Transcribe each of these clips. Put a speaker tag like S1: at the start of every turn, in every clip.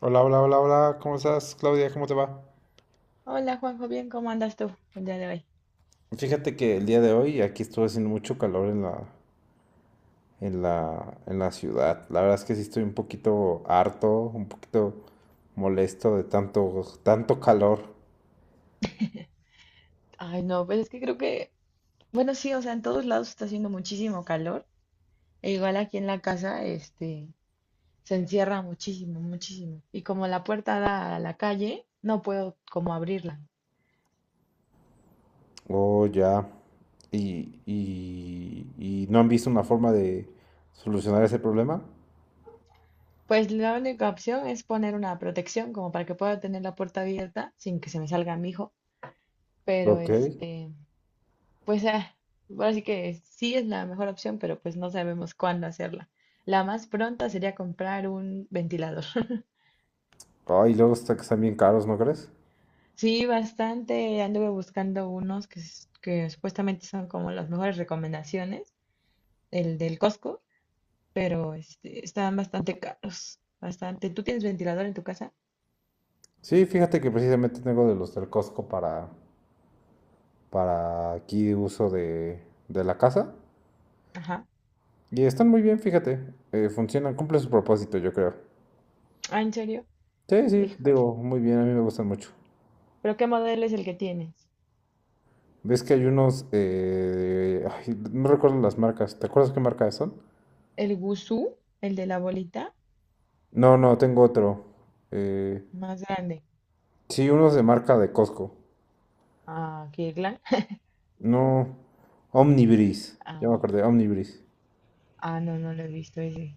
S1: Hola, hola, hola, hola, ¿cómo estás, Claudia? ¿Cómo te va?
S2: Hola Juanjo, bien, ¿cómo andas tú el día de hoy?
S1: Fíjate que el día de hoy aquí estuvo haciendo mucho calor en la ciudad. La verdad es que sí estoy un poquito harto, un poquito molesto de tanto, tanto calor.
S2: Ay, no, pues es que creo que, bueno, sí, o sea, en todos lados está haciendo muchísimo calor, e igual aquí en la casa, se encierra muchísimo, muchísimo. Y como la puerta da a la calle, no puedo como abrirla.
S1: Oh, ya. Y no han visto una forma de solucionar ese problema.
S2: Pues la única opción es poner una protección como para que pueda tener la puerta abierta sin que se me salga mi hijo, pero
S1: Ok.
S2: pues ah, ahora sí que sí es la mejor opción, pero pues no sabemos cuándo hacerla. La más pronta sería comprar un ventilador.
S1: Ay, luego está que están bien caros, ¿no crees?
S2: Sí, bastante. Anduve buscando unos que supuestamente son como las mejores recomendaciones, el del Costco, pero están bastante caros, bastante. ¿Tú tienes ventilador en tu casa?
S1: Sí, fíjate que precisamente tengo de los del Costco para aquí uso de la casa.
S2: Ajá.
S1: Y están muy bien, fíjate. Funcionan, cumplen su propósito, yo creo.
S2: Ah, ¿en serio?
S1: Sí, sí,
S2: Híjole.
S1: digo, muy bien, a mí me gustan mucho.
S2: ¿Pero qué modelo es el que tienes?
S1: ¿Ves que hay unos ay, no recuerdo las marcas? ¿Te acuerdas qué marca son?
S2: ¿El Guzú? ¿El de la bolita?
S1: No, no, tengo otro. Eh,
S2: Más grande.
S1: sí, unos de marca de Costco.
S2: Ah, Kirkland.
S1: No, Omnibris. Ya me
S2: Ah,
S1: acordé, Omnibris.
S2: ah, no, no lo he visto ese.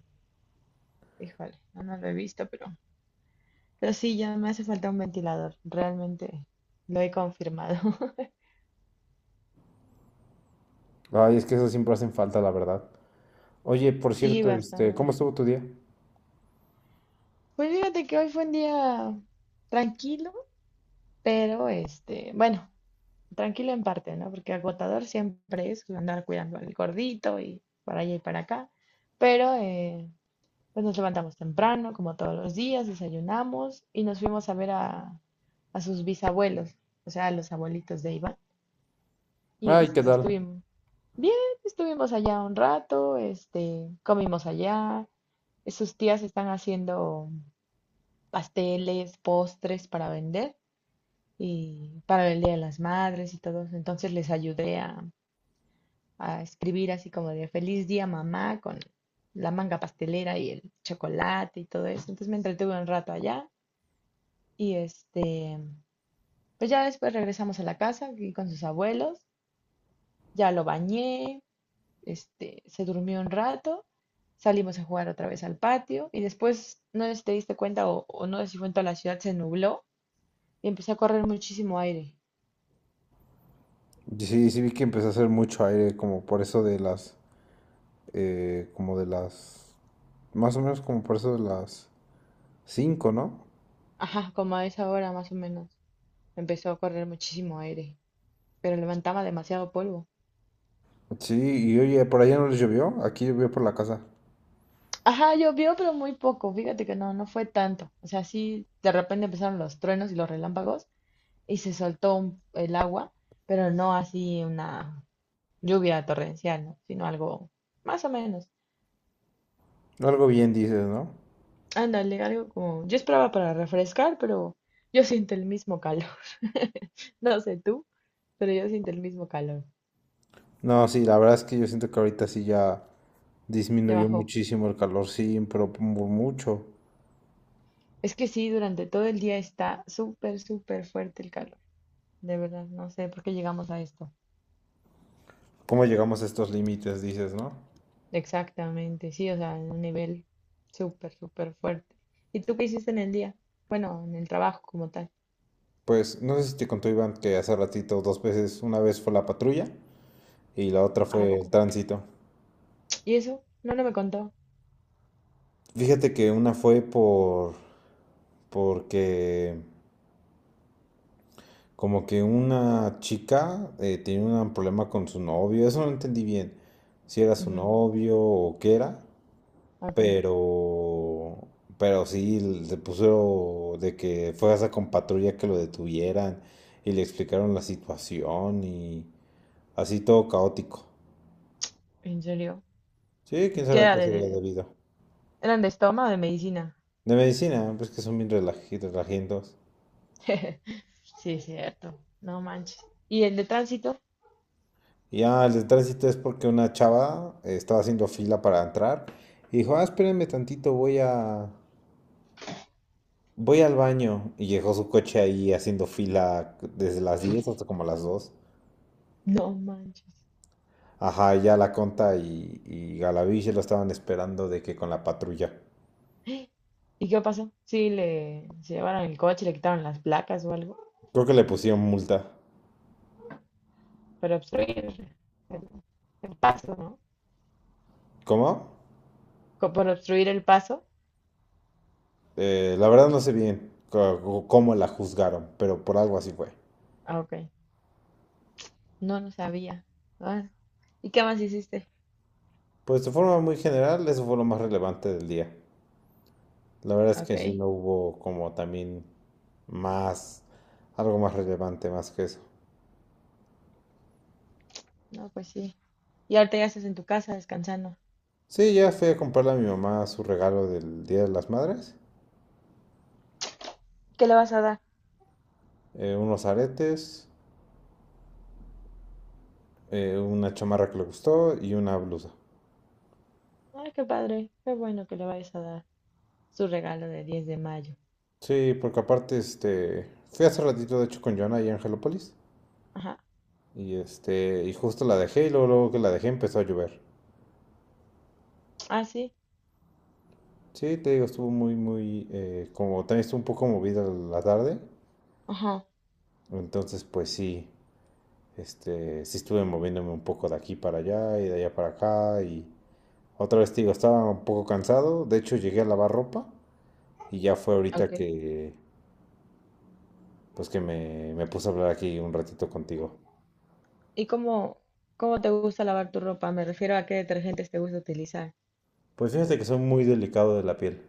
S2: Híjole, no, no lo he visto, pero... Pero sí, ya me hace falta un ventilador. Realmente lo he confirmado.
S1: Ay, es que esos siempre hacen falta, la verdad. Oye, por
S2: Sí,
S1: cierto, ¿cómo
S2: bastante.
S1: estuvo tu día?
S2: Pues fíjate que hoy fue un día tranquilo, pero bueno, tranquilo en parte, ¿no? Porque agotador siempre es andar cuidando al gordito y para allá y para acá. Pero pues nos levantamos temprano, como todos los días, desayunamos y nos fuimos a ver a sus bisabuelos, o sea, a los abuelitos de Iván. Y
S1: Ay, ¿qué tal?
S2: estuvimos bien, estuvimos allá un rato, comimos allá. Sus tías están haciendo pasteles, postres para vender y para el Día de las Madres y todo. Entonces les ayudé a escribir así como de feliz día mamá con la manga pastelera y el chocolate y todo eso. Entonces me entretuve un rato allá y pues ya después regresamos a la casa aquí con sus abuelos, ya lo bañé, se durmió un rato. Salimos a jugar otra vez al patio y después, no sé si te diste cuenta o no sé si fue en toda la ciudad, se nubló y empezó a correr muchísimo aire.
S1: Sí, sí vi que empezó a hacer mucho aire, como por eso de las más o menos como por eso de las cinco, ¿no?
S2: Ajá, como a esa hora más o menos. Empezó a correr muchísimo aire, pero levantaba demasiado polvo.
S1: Sí, y oye, por allá no les llovió, aquí llovió por la casa.
S2: Ajá, llovió, pero muy poco. Fíjate que no, no fue tanto. O sea, sí, de repente empezaron los truenos y los relámpagos y se soltó el agua, pero no así una lluvia torrencial, ¿no? Sino algo más o menos.
S1: Algo bien dices, ¿no?
S2: Ándale, algo como... Yo esperaba para refrescar, pero yo siento el mismo calor. No sé tú, pero yo siento el mismo calor.
S1: No, sí, la verdad es que yo siento que ahorita sí ya
S2: Ya
S1: disminuyó
S2: bajó.
S1: muchísimo el calor, sí, pero mucho.
S2: Es que sí, durante todo el día está súper, súper fuerte el calor. De verdad, no sé por qué llegamos a esto.
S1: ¿Cómo llegamos a estos límites, dices, no?
S2: Exactamente, sí, o sea, en un nivel súper, súper fuerte. ¿Y tú qué hiciste en el día? Bueno, en el trabajo como tal.
S1: Pues no sé si te contó Iván que hace ratito dos veces, una vez fue la patrulla y la otra
S2: ¿A
S1: fue el
S2: poco?
S1: tránsito.
S2: ¿Y eso? No, no me contó.
S1: Fíjate que una fue porque como que una chica, tenía un problema con su novio, eso no entendí bien, si era su
S2: Ujú,
S1: novio o qué era,
S2: ok,
S1: pero, pero sí le puso de que fue hasta con patrulla que lo detuvieran y le explicaron la situación y así todo caótico.
S2: ¿en serio?
S1: Sí, quién
S2: ¿Qué
S1: sabe a
S2: era
S1: qué sería debido.
S2: eran de estómago o de medicina?
S1: De medicina, pues que son bien relajientos.
S2: Sí, es cierto, no manches. ¿Y el de tránsito?
S1: Y ya el de tránsito es porque una chava, estaba haciendo fila para entrar y dijo, ah, espérenme tantito, voy a... Voy al baño y dejó su coche ahí haciendo fila desde las 10 hasta como las 2.
S2: No manches.
S1: Ajá, ya la Conta y Galavich lo estaban esperando de que con la patrulla.
S2: ¿Y qué pasó? Sí, le se llevaron el coche, le quitaron las placas o algo.
S1: Creo que le pusieron multa.
S2: Para obstruir el paso, ¿no?
S1: ¿Cómo?
S2: Por obstruir el paso.
S1: La verdad no sé bien cómo la juzgaron, pero por algo así fue.
S2: Ah, ok. No, no sabía. Ah, ¿y qué más hiciste?
S1: Pues de forma muy general, eso fue lo más relevante del día. La verdad es
S2: Ok.
S1: que sí no hubo como también más, algo más relevante más que eso.
S2: No, pues sí. Y ahorita ya estás en tu casa descansando.
S1: Sí, ya fui a comprarle a mi mamá su regalo del Día de las Madres.
S2: ¿Qué le vas a dar?
S1: Unos aretes, una chamarra que le gustó y una blusa.
S2: Ay, qué padre. Qué bueno que le vayas a dar su regalo de 10 de mayo.
S1: Sí, porque aparte, fui hace ratito de hecho con Joana y Angelopolis
S2: Ajá.
S1: y y justo la dejé y luego, luego que la dejé empezó a llover.
S2: Ah, sí.
S1: Sí, te digo, estuvo muy, muy, como también estuvo un poco movida la tarde,
S2: Ajá.
S1: entonces pues sí, sí estuve moviéndome un poco de aquí para allá y de allá para acá y otra vez te digo, estaba un poco cansado, de hecho llegué a lavar ropa y ya fue
S2: Ok.
S1: ahorita que, pues que me puse a hablar aquí un ratito contigo.
S2: ¿Y cómo, cómo te gusta lavar tu ropa? Me refiero a qué detergentes te gusta utilizar.
S1: Pues fíjate que soy muy delicado de la piel.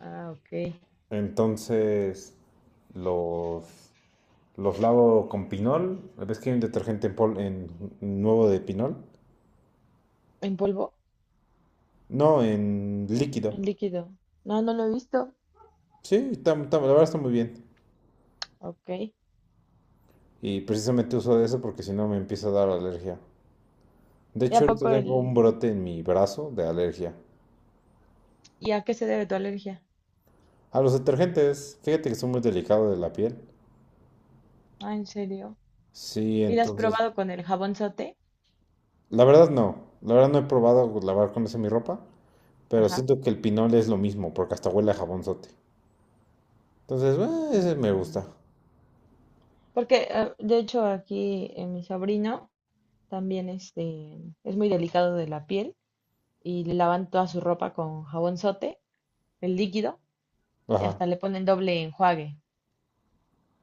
S2: Ah, ok.
S1: Entonces, los, los lavo con pinol. ¿Ves que hay un detergente nuevo de pinol?
S2: ¿En polvo?
S1: No, en líquido.
S2: En líquido. No, no lo he visto.
S1: Sí, la verdad está muy bien.
S2: Ok. ¿Y
S1: Y precisamente uso de eso porque si no me empieza a dar alergia. De
S2: a
S1: hecho, ahorita
S2: poco
S1: tengo un
S2: el...
S1: brote en mi brazo de alergia.
S2: ¿Y a qué se debe tu alergia?
S1: A los detergentes, fíjate que soy muy delicado de la piel.
S2: Ah, ¿en serio?
S1: Sí,
S2: ¿Y la has
S1: entonces
S2: probado con el jabón?
S1: la verdad no, la verdad no he probado lavar con esa mi ropa, pero
S2: Ajá.
S1: siento que el pinol es lo mismo, porque hasta huele a jabonzote. Entonces, ese me
S2: Mm,
S1: gusta.
S2: porque, de hecho, aquí mi sobrino también es muy delicado de la piel y le lavan toda su ropa con jabón sote, el líquido, y
S1: Ajá.
S2: hasta le ponen doble enjuague.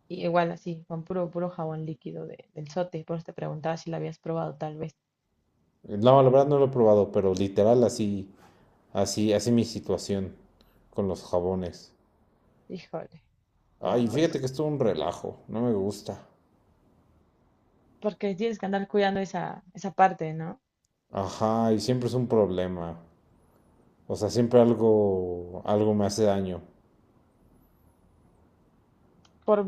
S2: Y igual así, con puro, puro jabón líquido del sote. Por eso te preguntaba si lo habías probado, tal vez.
S1: No, la verdad no lo he probado, pero literal así, así, así mi situación con los jabones.
S2: Híjole, no,
S1: Ay, fíjate
S2: pues,
S1: que es todo un relajo, no me gusta.
S2: porque tienes que andar cuidando esa, esa parte, ¿no?
S1: Ajá, y siempre es un problema. O sea, siempre algo, algo me hace daño.
S2: Por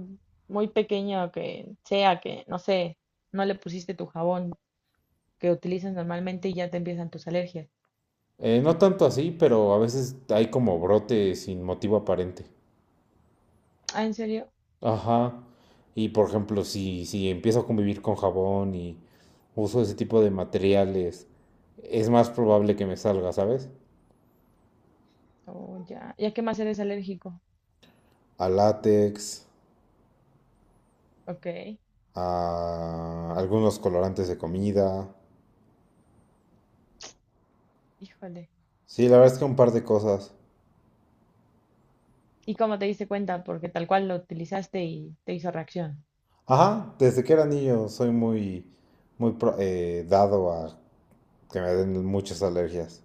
S2: muy pequeño que sea, que, no sé, no le pusiste tu jabón que utilizas normalmente y ya te empiezan tus alergias.
S1: No tanto así, pero a veces hay como brote sin motivo aparente.
S2: Ah, ¿en serio?
S1: Ajá. Y por ejemplo, si empiezo a convivir con jabón y uso ese tipo de materiales, es más probable que me salga, ¿sabes?
S2: Oh, ya. ¿Y a qué más eres alérgico?
S1: A látex,
S2: Ok,
S1: a algunos colorantes de comida.
S2: híjole.
S1: Sí, la verdad es que un par de cosas.
S2: ¿Y cómo te diste cuenta? Porque tal cual lo utilizaste y te hizo reacción.
S1: Ajá, desde que era niño soy muy, muy dado a que me den muchas alergias.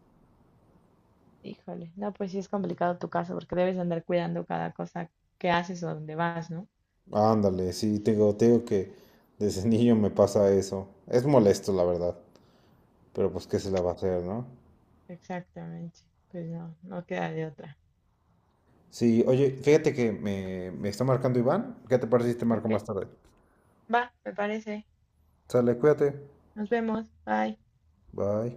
S2: Híjole, no, pues sí es complicado tu caso porque debes andar cuidando cada cosa que haces o dónde vas, ¿no?
S1: Ándale, sí, tengo que desde niño me pasa eso. Es molesto, la verdad, pero pues qué se la va a hacer, ¿no?
S2: Exactamente. Pues no, no queda de otra.
S1: Sí, oye, fíjate que me está marcando Iván. ¿Qué te parece si te marco
S2: Ok,
S1: más tarde?
S2: va, me parece.
S1: Sale, cuídate.
S2: Nos vemos. Bye.
S1: Bye.